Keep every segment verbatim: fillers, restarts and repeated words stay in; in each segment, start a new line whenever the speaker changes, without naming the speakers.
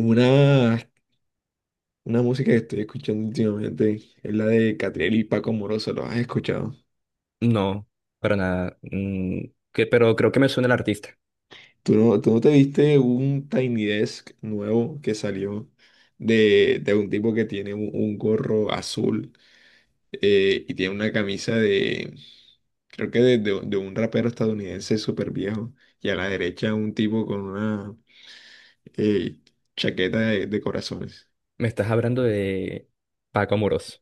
Una, una música que estoy escuchando últimamente es la de Catriel y Paco Moroso, ¿lo has escuchado?
No, para nada. Mm, que, pero creo que me suena el artista.
¿Tú no, tú no te viste un Tiny Desk nuevo que salió de, de un tipo que tiene un, un gorro azul, eh, y tiene una camisa de, creo que de, de- de un rapero estadounidense súper viejo, y a la derecha un tipo con una eh, chaqueta de, de corazones?
Me estás hablando de Paco Amoroso.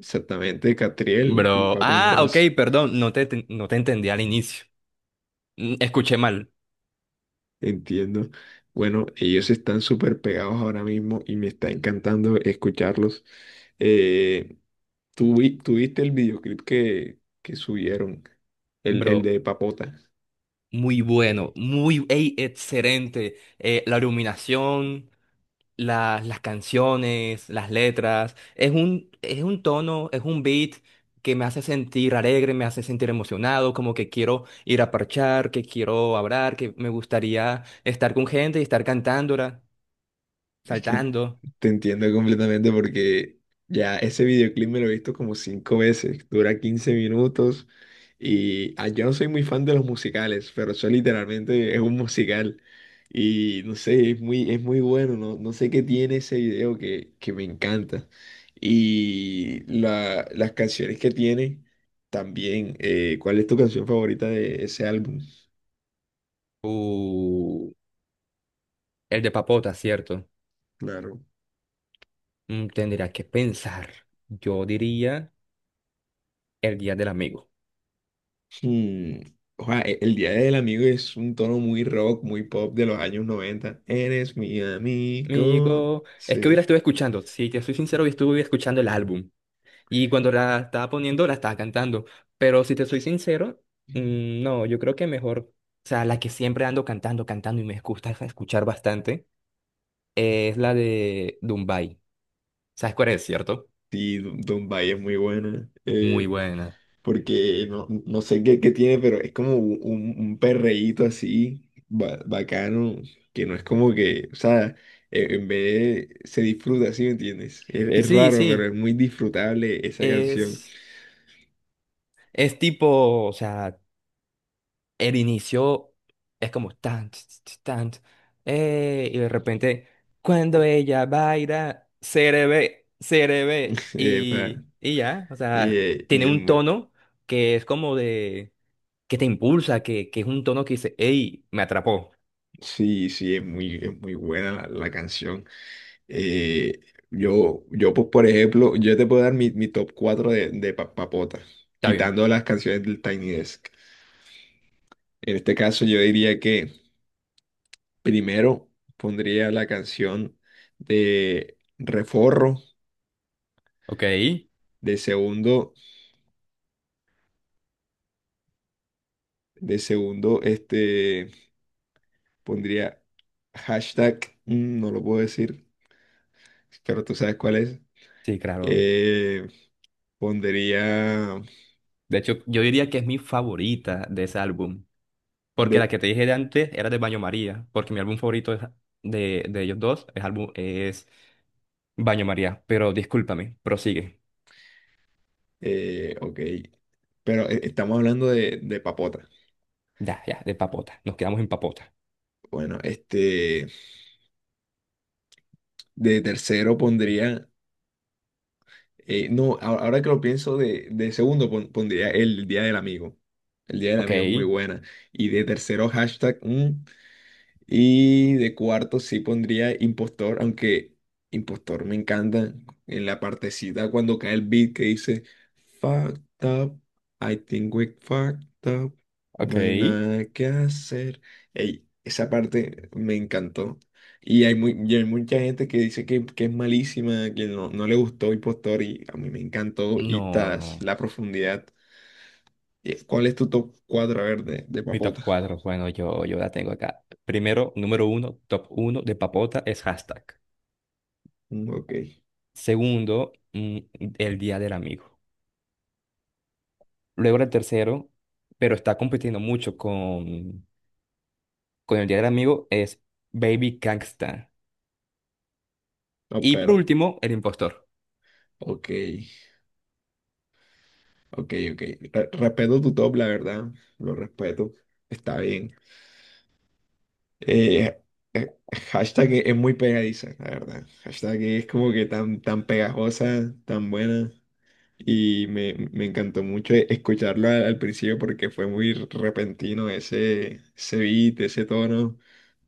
Exactamente, Catriel y
Bro,
Paco
ah, ok,
Moroso.
perdón, no te, te- no te entendí al inicio. Mm, Escuché mal.
Entiendo. Bueno, ellos están súper pegados ahora mismo y me está encantando escucharlos. Eh, ¿tú, vi- tú viste el videoclip que, que subieron? El, el
Bro,
de Papota.
muy bueno, muy, ey, excelente. Eh, la iluminación, las, las canciones, las letras. Es un, es un tono, es un beat que me hace sentir alegre, me hace sentir emocionado, como que quiero ir a parchar, que quiero hablar, que me gustaría estar con gente y estar cantándola,
Es que
saltando.
te entiendo completamente porque ya ese videoclip me lo he visto como cinco veces, dura quince minutos, y ah, yo no soy muy fan de los musicales, pero eso literalmente es un musical, y no sé, es muy, es muy bueno, no, no sé qué tiene ese video que, que me encanta, y la- las canciones que tiene también. eh, ¿cuál es tu canción favorita de ese álbum?
Uh, el de papota, ¿cierto?
Claro.
Mm, Tendría que pensar. Yo diría el Día del Amigo.
Mm, ojá, e- el Día del Amigo es un tono muy rock, muy pop de los años noventa. Eres mi amigo.
Amigo, es que hubiera
Sí,
estuve escuchando, si te soy sincero, hoy estuve escuchando el álbum. Y cuando la estaba poniendo, la estaba cantando. Pero si te soy sincero, mm, no, yo creo que mejor, o sea, la que siempre ando cantando, cantando y me gusta escuchar bastante, eh, es la de Dumbai. ¿Sabes cuál es, cierto?
sí, don Dumbai es muy buena.
Es muy
eh,
buena.
porque no, no sé qué, qué tiene, pero es como un, un- un perreíto así, ba- bacano, que no es como que, o sea, e- en vez de- se disfruta, ¿sí me entiendes? Es,
Sí,
es
sí,
raro, pero es
sí.
muy disfrutable esa canción.
Es, es tipo, o sea, el inicio es como tan, ts, ts, tan, ts, eh, y de repente, cuando ella baila, se le ve, se le ve,
eh, pa-
y, y ya, o
y,
sea,
eh, y
tiene
es
un
mu-
tono que es como de, que te impulsa, que, que es un tono que dice, hey, me atrapó,
Sí, sí, es muy, es muy buena la, la canción. Eh, yo, yo, pues, por ejemplo, yo te puedo dar mi, mi top cuatro de, de Pa- Papota,
está bien,
quitando las canciones del Tiny Desk. En este caso, yo diría que primero pondría la canción de Reforro,
ok,
de segundo, de segundo, este, pondría hashtag, mm, no lo puedo decir, pero tú sabes cuál es.
sí, claro.
Eh, pondría.
De hecho, yo diría que es mi favorita de ese álbum, porque
De
la que te dije de antes era de Baño María, porque mi álbum favorito es de, de ellos dos es, álbum, es Baño María, pero discúlpame, prosigue.
Eh, ok, pero eh, estamos hablando de, de papota.
Ya, ya, de papota. Nos quedamos en papota.
Bueno, este, de tercero pondría, eh, no, a- ahora que lo pienso, de, de segundo pon- pondría el Día del Amigo. El Día del
Ok,
Amigo es muy buena. Y de tercero, hashtag. mm, Y de cuarto sí pondría Impostor, aunque Impostor me encanta en la partecita cuando cae el beat que dice: "Fucked up, I think we fucked up",
ok.
no hay nada que hacer. Ey, esa parte me encantó. Y hay, muy, y hay mucha gente que dice que, que es malísima, que no, no le gustó Impostor, y a mí me encantó y
No,
tas,
no.
la profundidad. Eh, ¿Cuál es tu top cuatro? A ver, de, de
Mi top
papota.
cuatro, bueno, yo, yo la tengo acá. Primero, número uno, top uno de papota es hashtag.
Mm. Ok.
Segundo, mm, el Día del Amigo. Luego el tercero, pero está compitiendo mucho con, con el Día del Amigo, es Baby Gangsta.
No,
Y por
pero,
último, el impostor.
ok. Ok, ok. Re- respeto tu top, la verdad. Lo respeto. Está bien. Eh, eh, hashtag es es muy pegadiza, la verdad. Hashtag, e es como que tan, tan pegajosa, tan buena. Y me, me encantó mucho escucharlo al, al principio, porque fue muy repentino ese, ese beat, ese tono.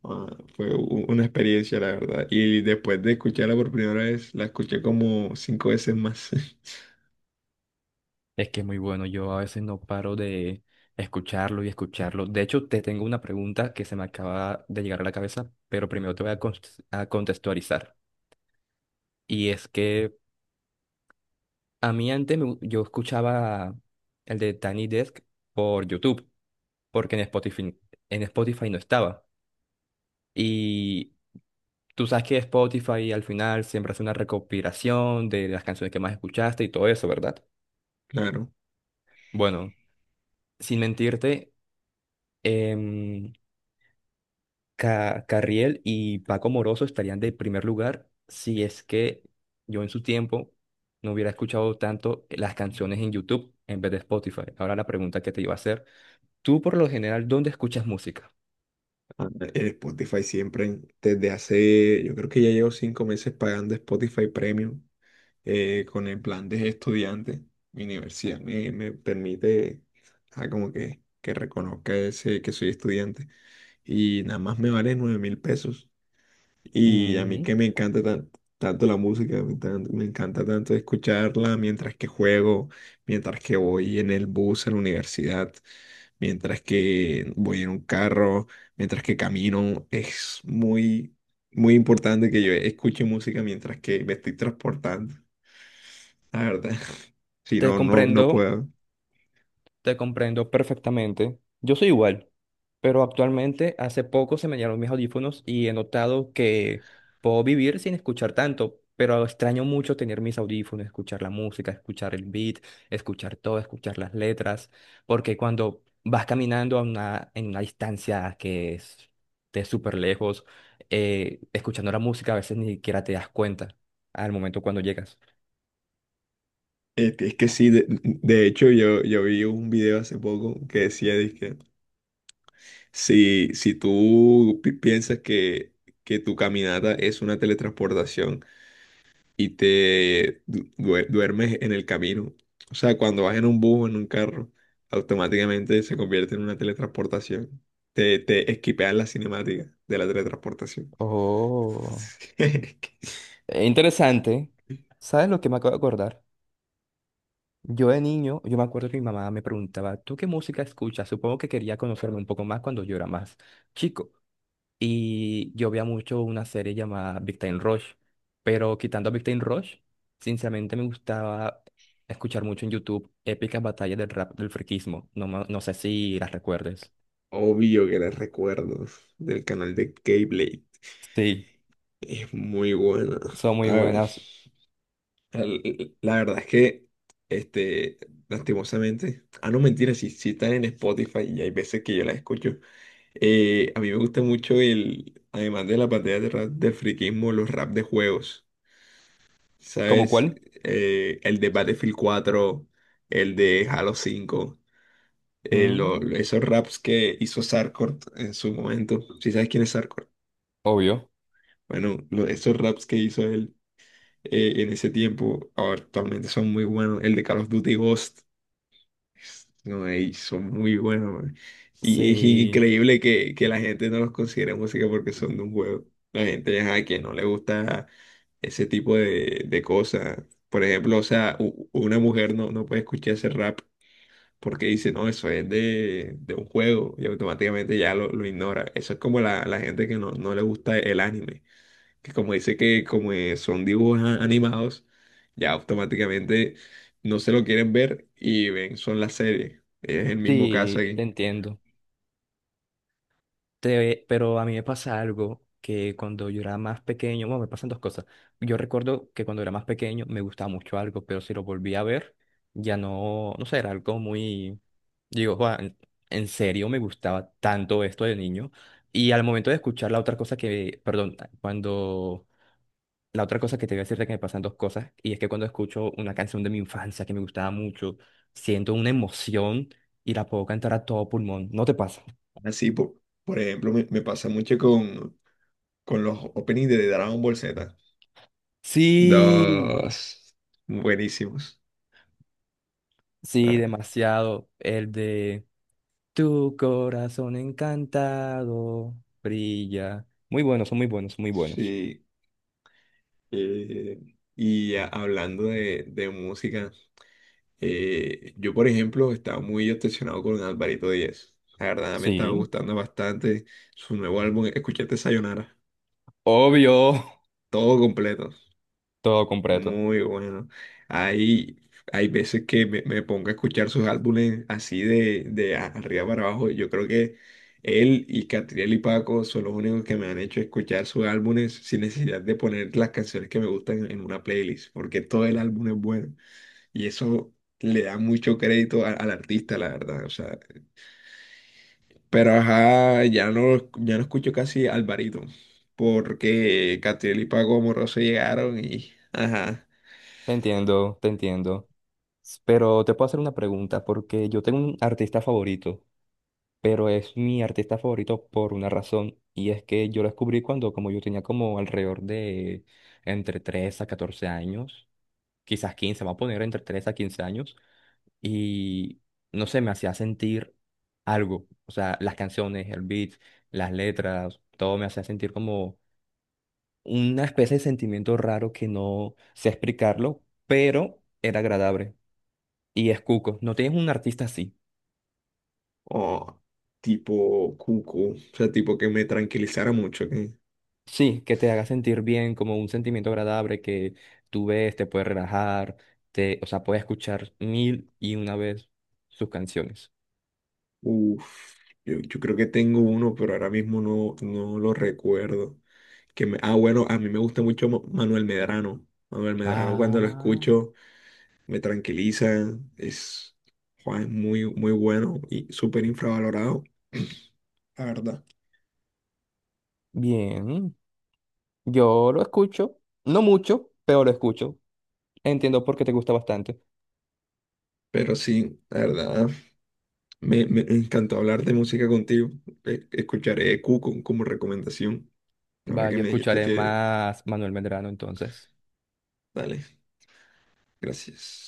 Ah, fue u- una experiencia, la verdad. Y después de escucharla por primera vez, la escuché como cinco veces más.
Es que es muy bueno, yo a veces no paro de escucharlo y escucharlo. De hecho, te tengo una pregunta que se me acaba de llegar a la cabeza, pero primero te voy a, cons- a contextualizar. Y es que a mí antes me gu- yo escuchaba el de Tiny Desk por YouTube, porque en Spotify, en Spotify no estaba. Y tú sabes que Spotify al final siempre hace una recopilación de las canciones que más escuchaste y todo eso, ¿verdad?
Claro.
Bueno, sin mentirte, em, Ca- Carriel y Paco Moroso estarían de primer lugar si es que yo en su tiempo no hubiera escuchado tanto las canciones en YouTube en vez de Spotify. Ahora la pregunta que te iba a hacer, tú por lo general, ¿dónde escuchas música?
Ándale. En Spotify siempre. Desde hace, yo creo que ya llevo cinco meses pagando Spotify Premium, eh, con el plan de estudiante. Mi universidad me, me permite, ah, como que, que reconozca ese, que soy estudiante, y nada más me vale nueve mil pesos. Y a mí,
Mm,
que me encanta tan- tanto la música, me, tan- me encanta tanto escucharla mientras que juego, mientras que voy en el bus a la universidad, mientras que voy en un carro, mientras que camino. Es muy, muy importante que yo escuche música mientras que me estoy transportando, la verdad. Si
Te
no, no, no
comprendo.
puedo.
Te comprendo perfectamente. Yo soy igual, pero actualmente hace poco se me llenaron mis audífonos y he notado que puedo vivir sin escuchar tanto, pero extraño mucho tener mis audífonos, escuchar la música, escuchar el beat, escuchar todo, escuchar las letras, porque cuando vas caminando a una, en una distancia que es de súper lejos, eh, escuchando la música a veces ni siquiera te das cuenta al momento cuando llegas.
Este, Es que sí. de, de hecho, yo, yo vi un video hace poco que decía que, Si, si tú pi- piensas que, que tu caminata es una teletransportación, y te du- due- duermes en el camino, o sea, cuando vas en un bus o en un carro, automáticamente se convierte en una teletransportación. Te, te esquipean la cinemática de la teletransportación.
Oh, eh, interesante. ¿Sabes lo que me acabo de acordar? Yo de niño, yo me acuerdo que mi mamá me preguntaba, ¿tú qué música escuchas? Supongo que quería conocerme un poco más cuando yo era más chico. Y yo veía mucho una serie llamada Big Time Rush, pero quitando a Big Time Rush, sinceramente me gustaba escuchar mucho en YouTube épicas batallas del rap del friquismo. No, ma- no sé si las recuerdes.
Obvio que los recuerdos del canal de Keyblade
Sí,
es muy bueno.
son muy buenas.
Al- La verdad es que, este, lastimosamente, ah, no mentira, si, si están en Spotify y hay veces que yo las escucho. eh, a mí me gusta mucho el, además de la pantalla de rap del friquismo, los rap de juegos,
¿Cómo
¿sabes?
cuál?
Eh, el de Battlefield cuatro, el de Halo cinco. eh, lo-
Mm,
lo- esos raps que hizo Sarkort en su momento. Si ¿sabes quién es Sarkort?
obvio.
Bueno, lo- esos raps que hizo él eh, en ese tiempo, ahora actualmente son muy buenos. El de Call of Duty Ghost. No, ey, son muy buenos, man. Y es
Sí,
increíble que, que la gente no los considere música porque son de un juego. La gente ajá, que no le gusta ese tipo de, de cosas. Por ejemplo, o sea, u- una mujer no, no puede escuchar ese rap porque dice, no, eso es de, de un juego, y automáticamente ya lo, lo ignora. Eso es como la, la gente que no, no le gusta el anime, que como dice que como eh, son dibujos a- animados, ya automáticamente no se lo quieren ver, y ven, son las series. Es el mismo caso
sí, te
aquí.
entiendo. Te- pero a mí me pasa algo que cuando yo era más pequeño, bueno, me pasan dos cosas. Yo recuerdo que cuando era más pequeño me gustaba mucho algo, pero si lo volví a ver, ya no, no sé, era algo muy, digo, "Juan, en serio me gustaba tanto esto de niño". Y al momento de escuchar la otra cosa que, perdón, cuando, la otra cosa que te voy a decir de que me pasan dos cosas, y es que cuando escucho una canción de mi infancia que me gustaba mucho, siento una emoción y la puedo cantar a todo pulmón. ¿No te pasa?
Así, por, por ejemplo, me, me pasa mucho con, con los openings de Dragon Ball Z.
Sí.
Dos. Buenísimos.
Sí,
Ah,
demasiado. El de Tu corazón encantado brilla. Muy buenos, son muy buenos, muy buenos.
sí. eh, y a- hablando de, de música, Eh, yo, por ejemplo, estaba muy obsesionado con Alvarito Díaz. La verdad me estaba
Sí,
gustando bastante su nuevo álbum. ¿Escuchaste Sayonara,
obvio.
todo completo?
Todo completo.
Muy bueno. Hay, hay veces que me, me pongo a escuchar sus álbumes así de, de a- arriba para abajo. Yo creo que él y Catriel y Paco son los únicos que me han hecho escuchar sus álbumes sin necesidad de poner las canciones que me gustan en una playlist, porque todo el álbum es bueno. Y eso le da mucho crédito a- al artista, la verdad. O sea, pero ajá, ya no, ya no escucho casi Alvarito. Porque Catriel y Paco Amoroso llegaron y ajá.
Te entiendo, te entiendo. S- Pero te puedo hacer una pregunta porque yo tengo un artista favorito, pero es mi artista favorito por una razón y es que yo lo descubrí cuando como yo tenía como alrededor de entre tres a catorce años, quizás quince. Vamos a poner entre tres a quince años. Y no sé, me hacía sentir algo. O sea, las canciones, el beat, las letras, todo me hacía sentir como una especie de sentimiento raro que no sé explicarlo, pero era agradable. Y es Cuco, ¿no tienes un artista así?
O tipo Cuco. O sea, tipo que me tranquilizara mucho. Que,
Sí, que te haga sentir bien, como un sentimiento agradable que tú ves, te puede relajar, te, o sea, puedes escuchar mil y una vez sus canciones.
uf, yo, yo creo que tengo uno, pero ahora mismo no, no lo recuerdo. Que me, ah, bueno, a mí me gusta mucho Ma- Manuel Medrano. Manuel Medrano, cuando lo
Ah,
escucho, me tranquiliza. Es jua, es muy, muy bueno y súper infravalorado, la verdad.
bien. Yo lo escucho, no mucho, pero lo escucho. Entiendo por qué te gusta bastante.
Pero sí, la verdad, me, me encantó hablar de música contigo. E- Escucharé Cuco como recomendación. Ahora
Va,
que
yo
me dijiste
escucharé
que,
más Manuel Medrano entonces.
dale, gracias.